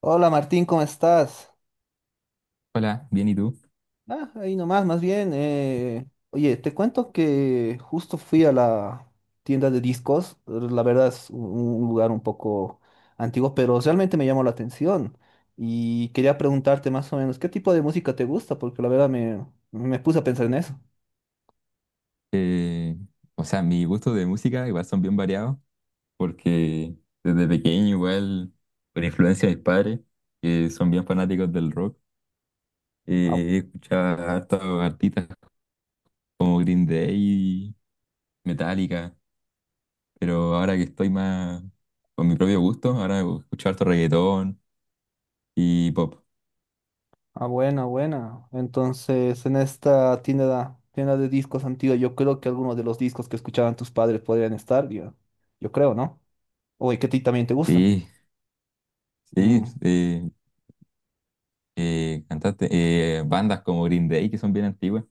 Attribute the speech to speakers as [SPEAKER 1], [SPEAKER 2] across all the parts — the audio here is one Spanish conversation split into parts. [SPEAKER 1] Hola, Martín, ¿cómo estás?
[SPEAKER 2] Hola, bien, ¿y tú?
[SPEAKER 1] Ah, ahí nomás, más bien. Oye, te cuento que justo fui a la tienda de discos. La verdad es un lugar un poco antiguo, pero realmente me llamó la atención. Y quería preguntarte más o menos, ¿qué tipo de música te gusta? Porque la verdad me puse a pensar en eso.
[SPEAKER 2] Eh, o sea, mis gustos de música igual son bien variados, porque desde pequeño igual, por influencia de mis padres, que son bien fanáticos del rock,
[SPEAKER 1] Ah,
[SPEAKER 2] escuchaba hartos artistas como Green Day, Metallica, pero ahora que estoy más con mi propio gusto, ahora escucho harto reggaetón y pop.
[SPEAKER 1] ah, buena, buena. Entonces, en esta tienda de discos antigua, yo creo que algunos de los discos que escuchaban tus padres podrían estar, yo creo, ¿no? Oye, que a ti también te gustan.
[SPEAKER 2] Sí, sí,
[SPEAKER 1] Mm.
[SPEAKER 2] cantaste, bandas como Green Day que son bien antiguas.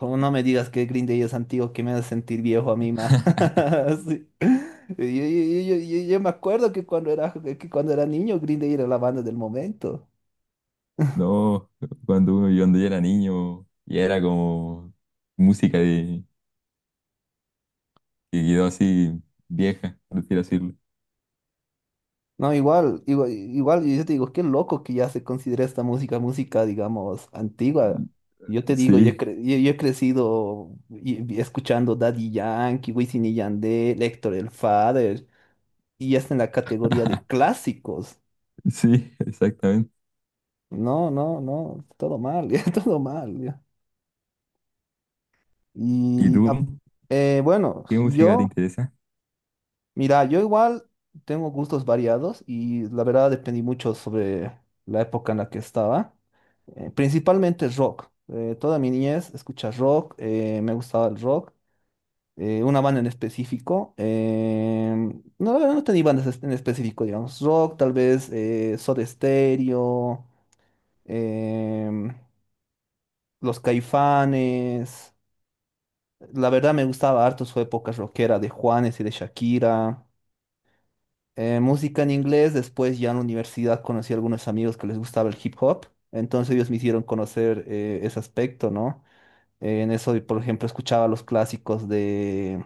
[SPEAKER 1] Oh, no me digas que Green Day es antiguo, que me hace sentir viejo a mí más. Sí. Yo me acuerdo que que cuando era niño, Green Day era la banda del momento.
[SPEAKER 2] No, cuando uno, yo cuando yo era niño y era como música de, que quedó así vieja, por así decirlo.
[SPEAKER 1] No, igual, igual, igual, yo te digo, qué loco que ya se considera esta música, digamos, antigua. Yo te digo,
[SPEAKER 2] Sí,
[SPEAKER 1] yo he crecido y escuchando Daddy Yankee, Wisin y Yandel, Héctor el Father, y ya está en la categoría de clásicos.
[SPEAKER 2] sí, exactamente.
[SPEAKER 1] No, no, no, todo mal, ya, todo mal, ya.
[SPEAKER 2] ¿Y
[SPEAKER 1] Y ap-
[SPEAKER 2] tú?
[SPEAKER 1] bueno,
[SPEAKER 2] ¿Qué música te
[SPEAKER 1] yo,
[SPEAKER 2] interesa?
[SPEAKER 1] mira, yo igual tengo gustos variados y la verdad dependí mucho sobre la época en la que estaba. Principalmente rock. Toda mi niñez escucha rock, me gustaba el rock. Una banda en específico. No, la verdad no tenía en específico, digamos. Rock, tal vez Soda Stereo, em, Los Caifanes. La verdad me gustaba harto su época rockera de Juanes y de Shakira. Música en inglés, después ya en la universidad conocí a algunos amigos que les gustaba el hip hop, entonces ellos me hicieron conocer ese aspecto, ¿no? En eso, por ejemplo, escuchaba los clásicos de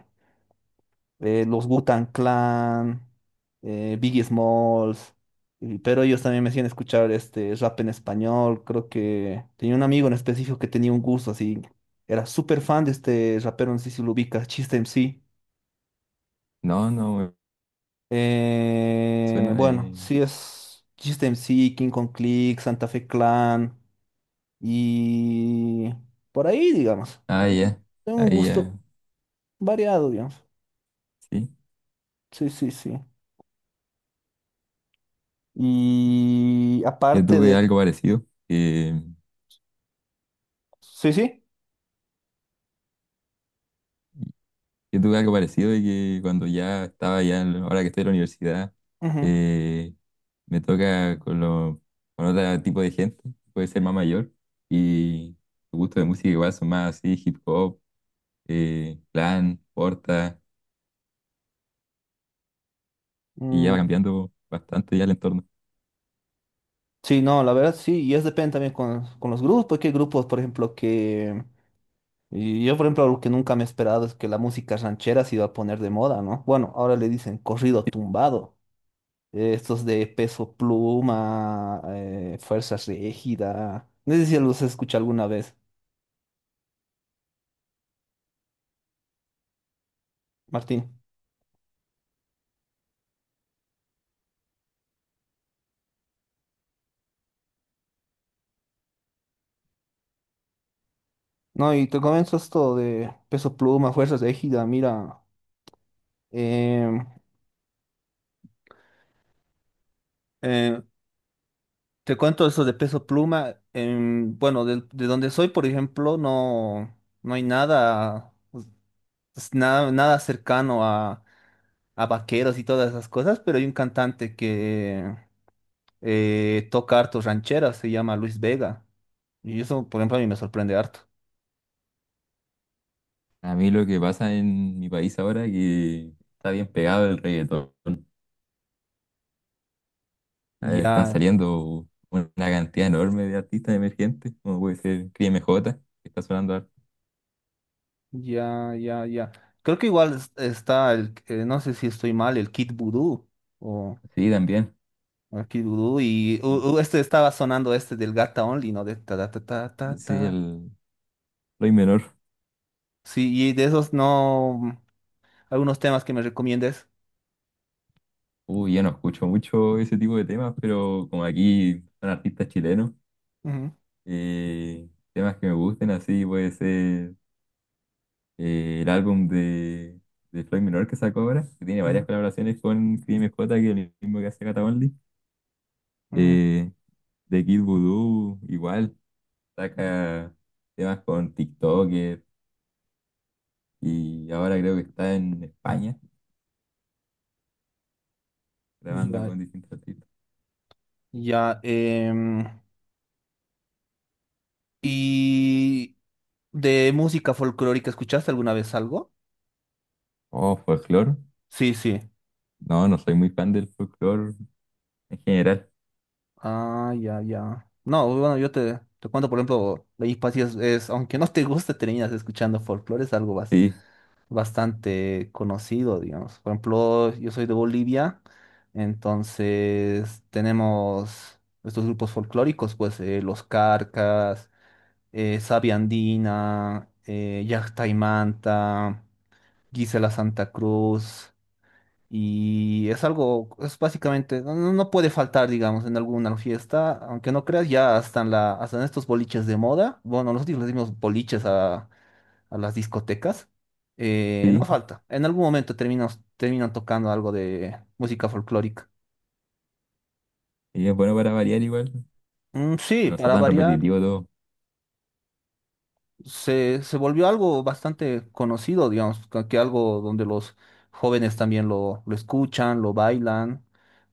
[SPEAKER 1] los Wu-Tang Clan, Biggie Smalls, pero ellos también me hacían escuchar este rap en español. Creo que tenía un amigo en específico que tenía un gusto así, era súper fan de este rapero, no sé si lo ubicas, Chiste MC.
[SPEAKER 2] No, no, me suena
[SPEAKER 1] Bueno,
[SPEAKER 2] de...
[SPEAKER 1] sí es System C, King Kong Click, Santa Fe Clan y por ahí, digamos.
[SPEAKER 2] Ah, ya,
[SPEAKER 1] Tengo un
[SPEAKER 2] ahí ya,
[SPEAKER 1] gusto variado, digamos.
[SPEAKER 2] sí.
[SPEAKER 1] Sí, sí, sí. Y
[SPEAKER 2] Yo
[SPEAKER 1] aparte
[SPEAKER 2] tuve
[SPEAKER 1] de...
[SPEAKER 2] algo parecido.
[SPEAKER 1] Sí, sí.
[SPEAKER 2] Yo tuve algo parecido de que cuando ya estaba ya, ahora que estoy en la universidad,
[SPEAKER 1] Ujú,
[SPEAKER 2] eh, me toca con, con otro tipo de gente, puede ser más mayor, y los gustos de música igual son más así, hip hop, clan, porta, y ya va
[SPEAKER 1] mm,
[SPEAKER 2] cambiando bastante ya el entorno.
[SPEAKER 1] sí, no, la verdad sí. Y es depende también con los grupos. Que hay grupos, por ejemplo, que... y yo, por ejemplo, algo que nunca me he esperado es que la música ranchera se iba a poner de moda, ¿no? Bueno, ahora le dicen corrido tumbado. Estos de peso pluma, fuerza rígida. No sé si los escuché alguna vez, Martín. No, y te comento esto de peso pluma, fuerza rígida. Mira, em, eh, te cuento eso de peso pluma. Bueno, de donde soy, por ejemplo, no, no hay nada, pues, pues, nada, nada cercano a vaqueros y todas esas cosas, pero hay un cantante que toca hartos rancheras, se llama Luis Vega. Y eso, por ejemplo, a mí me sorprende harto.
[SPEAKER 2] A mí lo que pasa en mi país ahora es que está bien pegado el reggaetón. Están
[SPEAKER 1] Ya,
[SPEAKER 2] saliendo una cantidad enorme de artistas emergentes, como puede ser CrisMJ que está sonando harto.
[SPEAKER 1] ya, ya, ya. Creo que igual está no sé si estoy mal, el Kid Voodoo o,
[SPEAKER 2] Sí, también.
[SPEAKER 1] o el Kid Voodoo
[SPEAKER 2] Sí,
[SPEAKER 1] este estaba sonando este del Gata Only, ¿no? De ta ta ta ta ta.
[SPEAKER 2] sí
[SPEAKER 1] Ta.
[SPEAKER 2] el Floyd Menor.
[SPEAKER 1] Sí, y de esos no, algunos temas que me recomiendes.
[SPEAKER 2] Uy, ya no escucho mucho ese tipo de temas, pero como aquí son artistas chilenos,
[SPEAKER 1] Ujú,
[SPEAKER 2] eh, temas que me gusten, así puede ser el álbum de Floyd Menor que sacó ahora, que tiene varias
[SPEAKER 1] ujú,
[SPEAKER 2] colaboraciones con Crim J, que es el mismo que hace Cata.
[SPEAKER 1] mm,
[SPEAKER 2] Eh, de Kid Voodoo, igual, saca temas con TikToker y ahora creo que está en España grabando
[SPEAKER 1] ya,
[SPEAKER 2] con distintos artistas.
[SPEAKER 1] ya. Y de música folclórica, ¿escuchaste alguna vez algo?
[SPEAKER 2] Oh, folclore.
[SPEAKER 1] Sí, sí.
[SPEAKER 2] No, no soy muy fan del folclore en general.
[SPEAKER 1] Ah, ya, ya. No, bueno, yo te cuento, por ejemplo, Ley y aunque no te guste, terminas escuchando folclore, es algo
[SPEAKER 2] Sí,
[SPEAKER 1] bastante conocido, digamos. Por ejemplo, yo soy de Bolivia, entonces tenemos estos grupos folclóricos, pues Los Carcas, Sabia Andina, Llacta y Manta, Gisela Santa Cruz. Y es algo, es básicamente, no, no puede faltar, digamos, en alguna fiesta, aunque no creas, ya hasta en hasta en estos boliches de moda, bueno, nosotros le dimos boliches a las discotecas, no
[SPEAKER 2] sí.
[SPEAKER 1] falta, en algún momento terminan tocando algo de música folclórica.
[SPEAKER 2] Y es bueno para variar igual,
[SPEAKER 1] Mm,
[SPEAKER 2] que
[SPEAKER 1] sí,
[SPEAKER 2] no sea
[SPEAKER 1] para
[SPEAKER 2] tan
[SPEAKER 1] variar,
[SPEAKER 2] repetitivo todo.
[SPEAKER 1] se volvió algo bastante conocido, digamos, que algo donde los jóvenes también lo escuchan, lo bailan,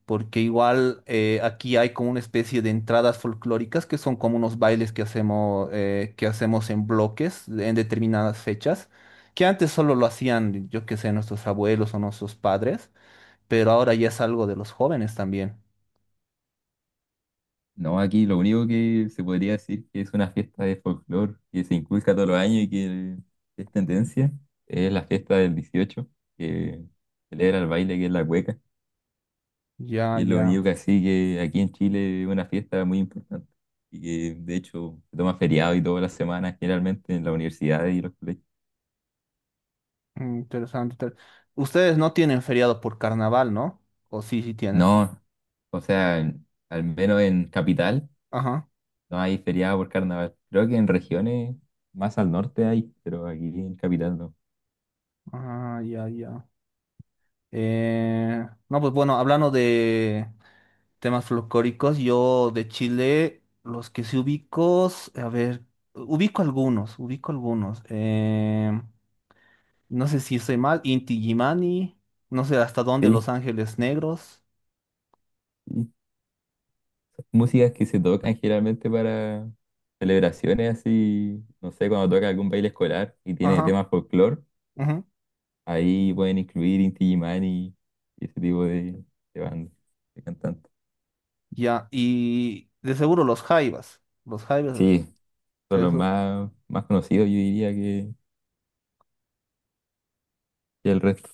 [SPEAKER 1] porque igual aquí hay como una especie de entradas folclóricas que son como unos bailes que hacemos en bloques en determinadas fechas, que antes solo lo hacían, yo qué sé, nuestros abuelos o nuestros padres, pero ahora ya es algo de los jóvenes también.
[SPEAKER 2] No, aquí lo único que se podría decir que es una fiesta de folclore que se inculca todos los años y que es tendencia, es la fiesta del 18 que celebra el baile que es la cueca.
[SPEAKER 1] Ya,
[SPEAKER 2] Y es lo
[SPEAKER 1] ya,
[SPEAKER 2] único que así que aquí en Chile es una fiesta muy importante. Y que de hecho se toma feriado y todas las semanas generalmente en las universidades y los colegios.
[SPEAKER 1] mm, Ustedes no tienen feriado por carnaval, ¿no? O sí, sí tienen.
[SPEAKER 2] No, o sea, al menos en Capital.
[SPEAKER 1] Ajá.
[SPEAKER 2] No hay feriado por carnaval. Creo que en regiones más al norte hay, pero aquí en capital no.
[SPEAKER 1] Ah, ya, ya. No, pues bueno, hablando de temas folclóricos, yo de Chile, los que sí ubico, a ver, ubico algunos, ubico algunos. No sé si estoy mal, Inti Gimani, no sé hasta dónde
[SPEAKER 2] Sí,
[SPEAKER 1] Los Ángeles Negros.
[SPEAKER 2] sí. Músicas que se tocan generalmente para celebraciones así, no sé, cuando toca algún baile escolar y tiene
[SPEAKER 1] Ajá,
[SPEAKER 2] temas folclore,
[SPEAKER 1] ujú,
[SPEAKER 2] ahí pueden incluir Inti Illimani y ese tipo de bandas, de cantantes.
[SPEAKER 1] ya, y de seguro los Jaivas,
[SPEAKER 2] Sí, son los
[SPEAKER 1] eso.
[SPEAKER 2] más, más conocidos, yo diría, que el resto.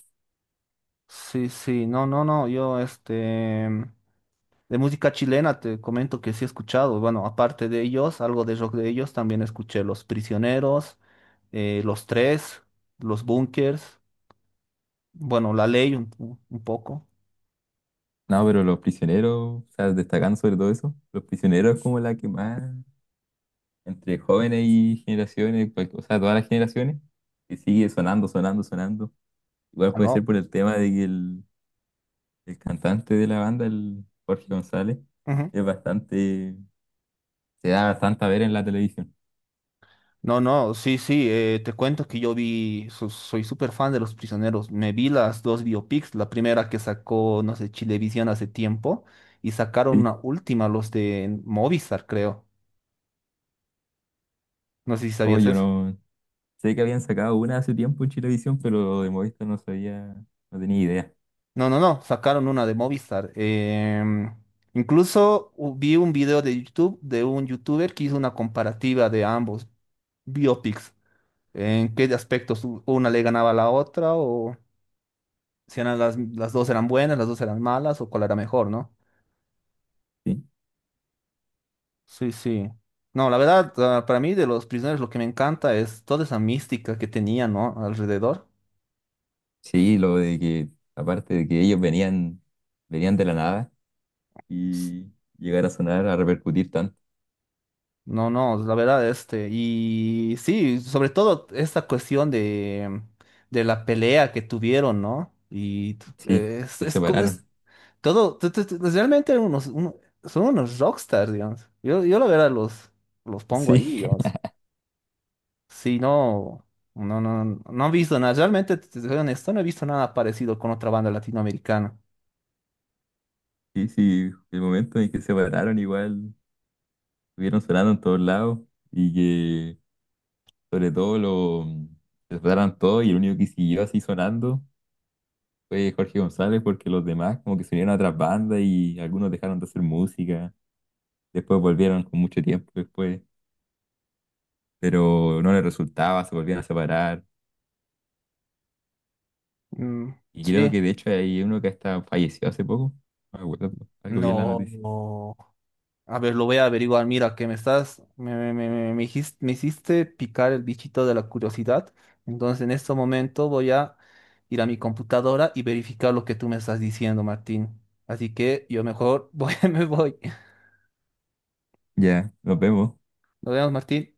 [SPEAKER 1] Sí, sí, no, no, no, yo este... De música chilena te comento que sí he escuchado, bueno, aparte de ellos, algo de rock de ellos, también escuché Los Prisioneros, Los Tres, Los Bunkers, bueno, La Ley un poco.
[SPEAKER 2] No, pero los prisioneros, o sea, destacando sobre todo eso, los prisioneros es como la que más entre jóvenes y generaciones, pues, o sea, todas las generaciones, que sigue sonando, sonando, sonando. Igual
[SPEAKER 1] Ah,
[SPEAKER 2] puede
[SPEAKER 1] no.
[SPEAKER 2] ser por el tema de que el cantante de la banda, el Jorge González,
[SPEAKER 1] Ujú.
[SPEAKER 2] es bastante, se da bastante a ver en la televisión.
[SPEAKER 1] No, no, sí, sí, te cuento que yo vi, soy súper fan de Los Prisioneros, me vi las dos biopics, la primera que sacó, no sé, Chilevisión hace tiempo, y sacaron
[SPEAKER 2] Sí,
[SPEAKER 1] una última, los de Movistar, creo. No sé si
[SPEAKER 2] oh,
[SPEAKER 1] sabías
[SPEAKER 2] yo
[SPEAKER 1] eso.
[SPEAKER 2] no sé que habían sacado una hace tiempo en Chilevisión, pero de Movistar no sabía, no tenía idea.
[SPEAKER 1] No, no, no, sacaron una de Movistar. Incluso vi un video de YouTube de un youtuber que hizo una comparativa de ambos biopics, en qué aspectos una le ganaba a la otra, o si eran las dos eran buenas, las dos eran malas, o cuál era mejor, ¿no?
[SPEAKER 2] Sí,
[SPEAKER 1] Sí, sí. No, la verdad, ah, para mí de Los Prisioneros lo que me encanta es toda esa mística que tenía, ¿no? Alrededor.
[SPEAKER 2] sí, lo de que, aparte de que ellos venían, venían de la nada y llegar a sonar, a repercutir tanto.
[SPEAKER 1] No, no, la verdad, este, y sí, sobre todo esta cuestión de la pelea que tuvieron, ¿no?
[SPEAKER 2] Sí, se
[SPEAKER 1] Es
[SPEAKER 2] separaron.
[SPEAKER 1] todo, pues, realmente son unos rockstars, digamos. Yo la verdad los pongo
[SPEAKER 2] Sí.
[SPEAKER 1] ahí, digamos. Sí, no, no, no, no he visto nada, realmente, te soy honesto, no he visto nada parecido con otra banda latinoamericana.
[SPEAKER 2] Sí, sí, el momento en que se pararon igual, estuvieron sonando en todos lados y que sobre todo se pararon todos y el único que siguió así sonando fue Jorge González porque los demás como que se unieron a otras bandas y algunos dejaron de hacer música, después volvieron con mucho tiempo después, pero no les resultaba, se volvían a separar
[SPEAKER 1] Mm,
[SPEAKER 2] y creo
[SPEAKER 1] sí,
[SPEAKER 2] que de hecho hay uno que hasta falleció hace poco, no me acuerdo, algo bien la noticia.
[SPEAKER 1] no. A ver, lo voy a averiguar. Mira, que me estás, me hiciste picar el bichito de la curiosidad. Entonces, en este momento voy a ir a mi computadora y verificar lo que tú me estás diciendo, Martín. Así que yo mejor voy, me voy.
[SPEAKER 2] Ya, nos vemos.
[SPEAKER 1] Nos vemos, Martín.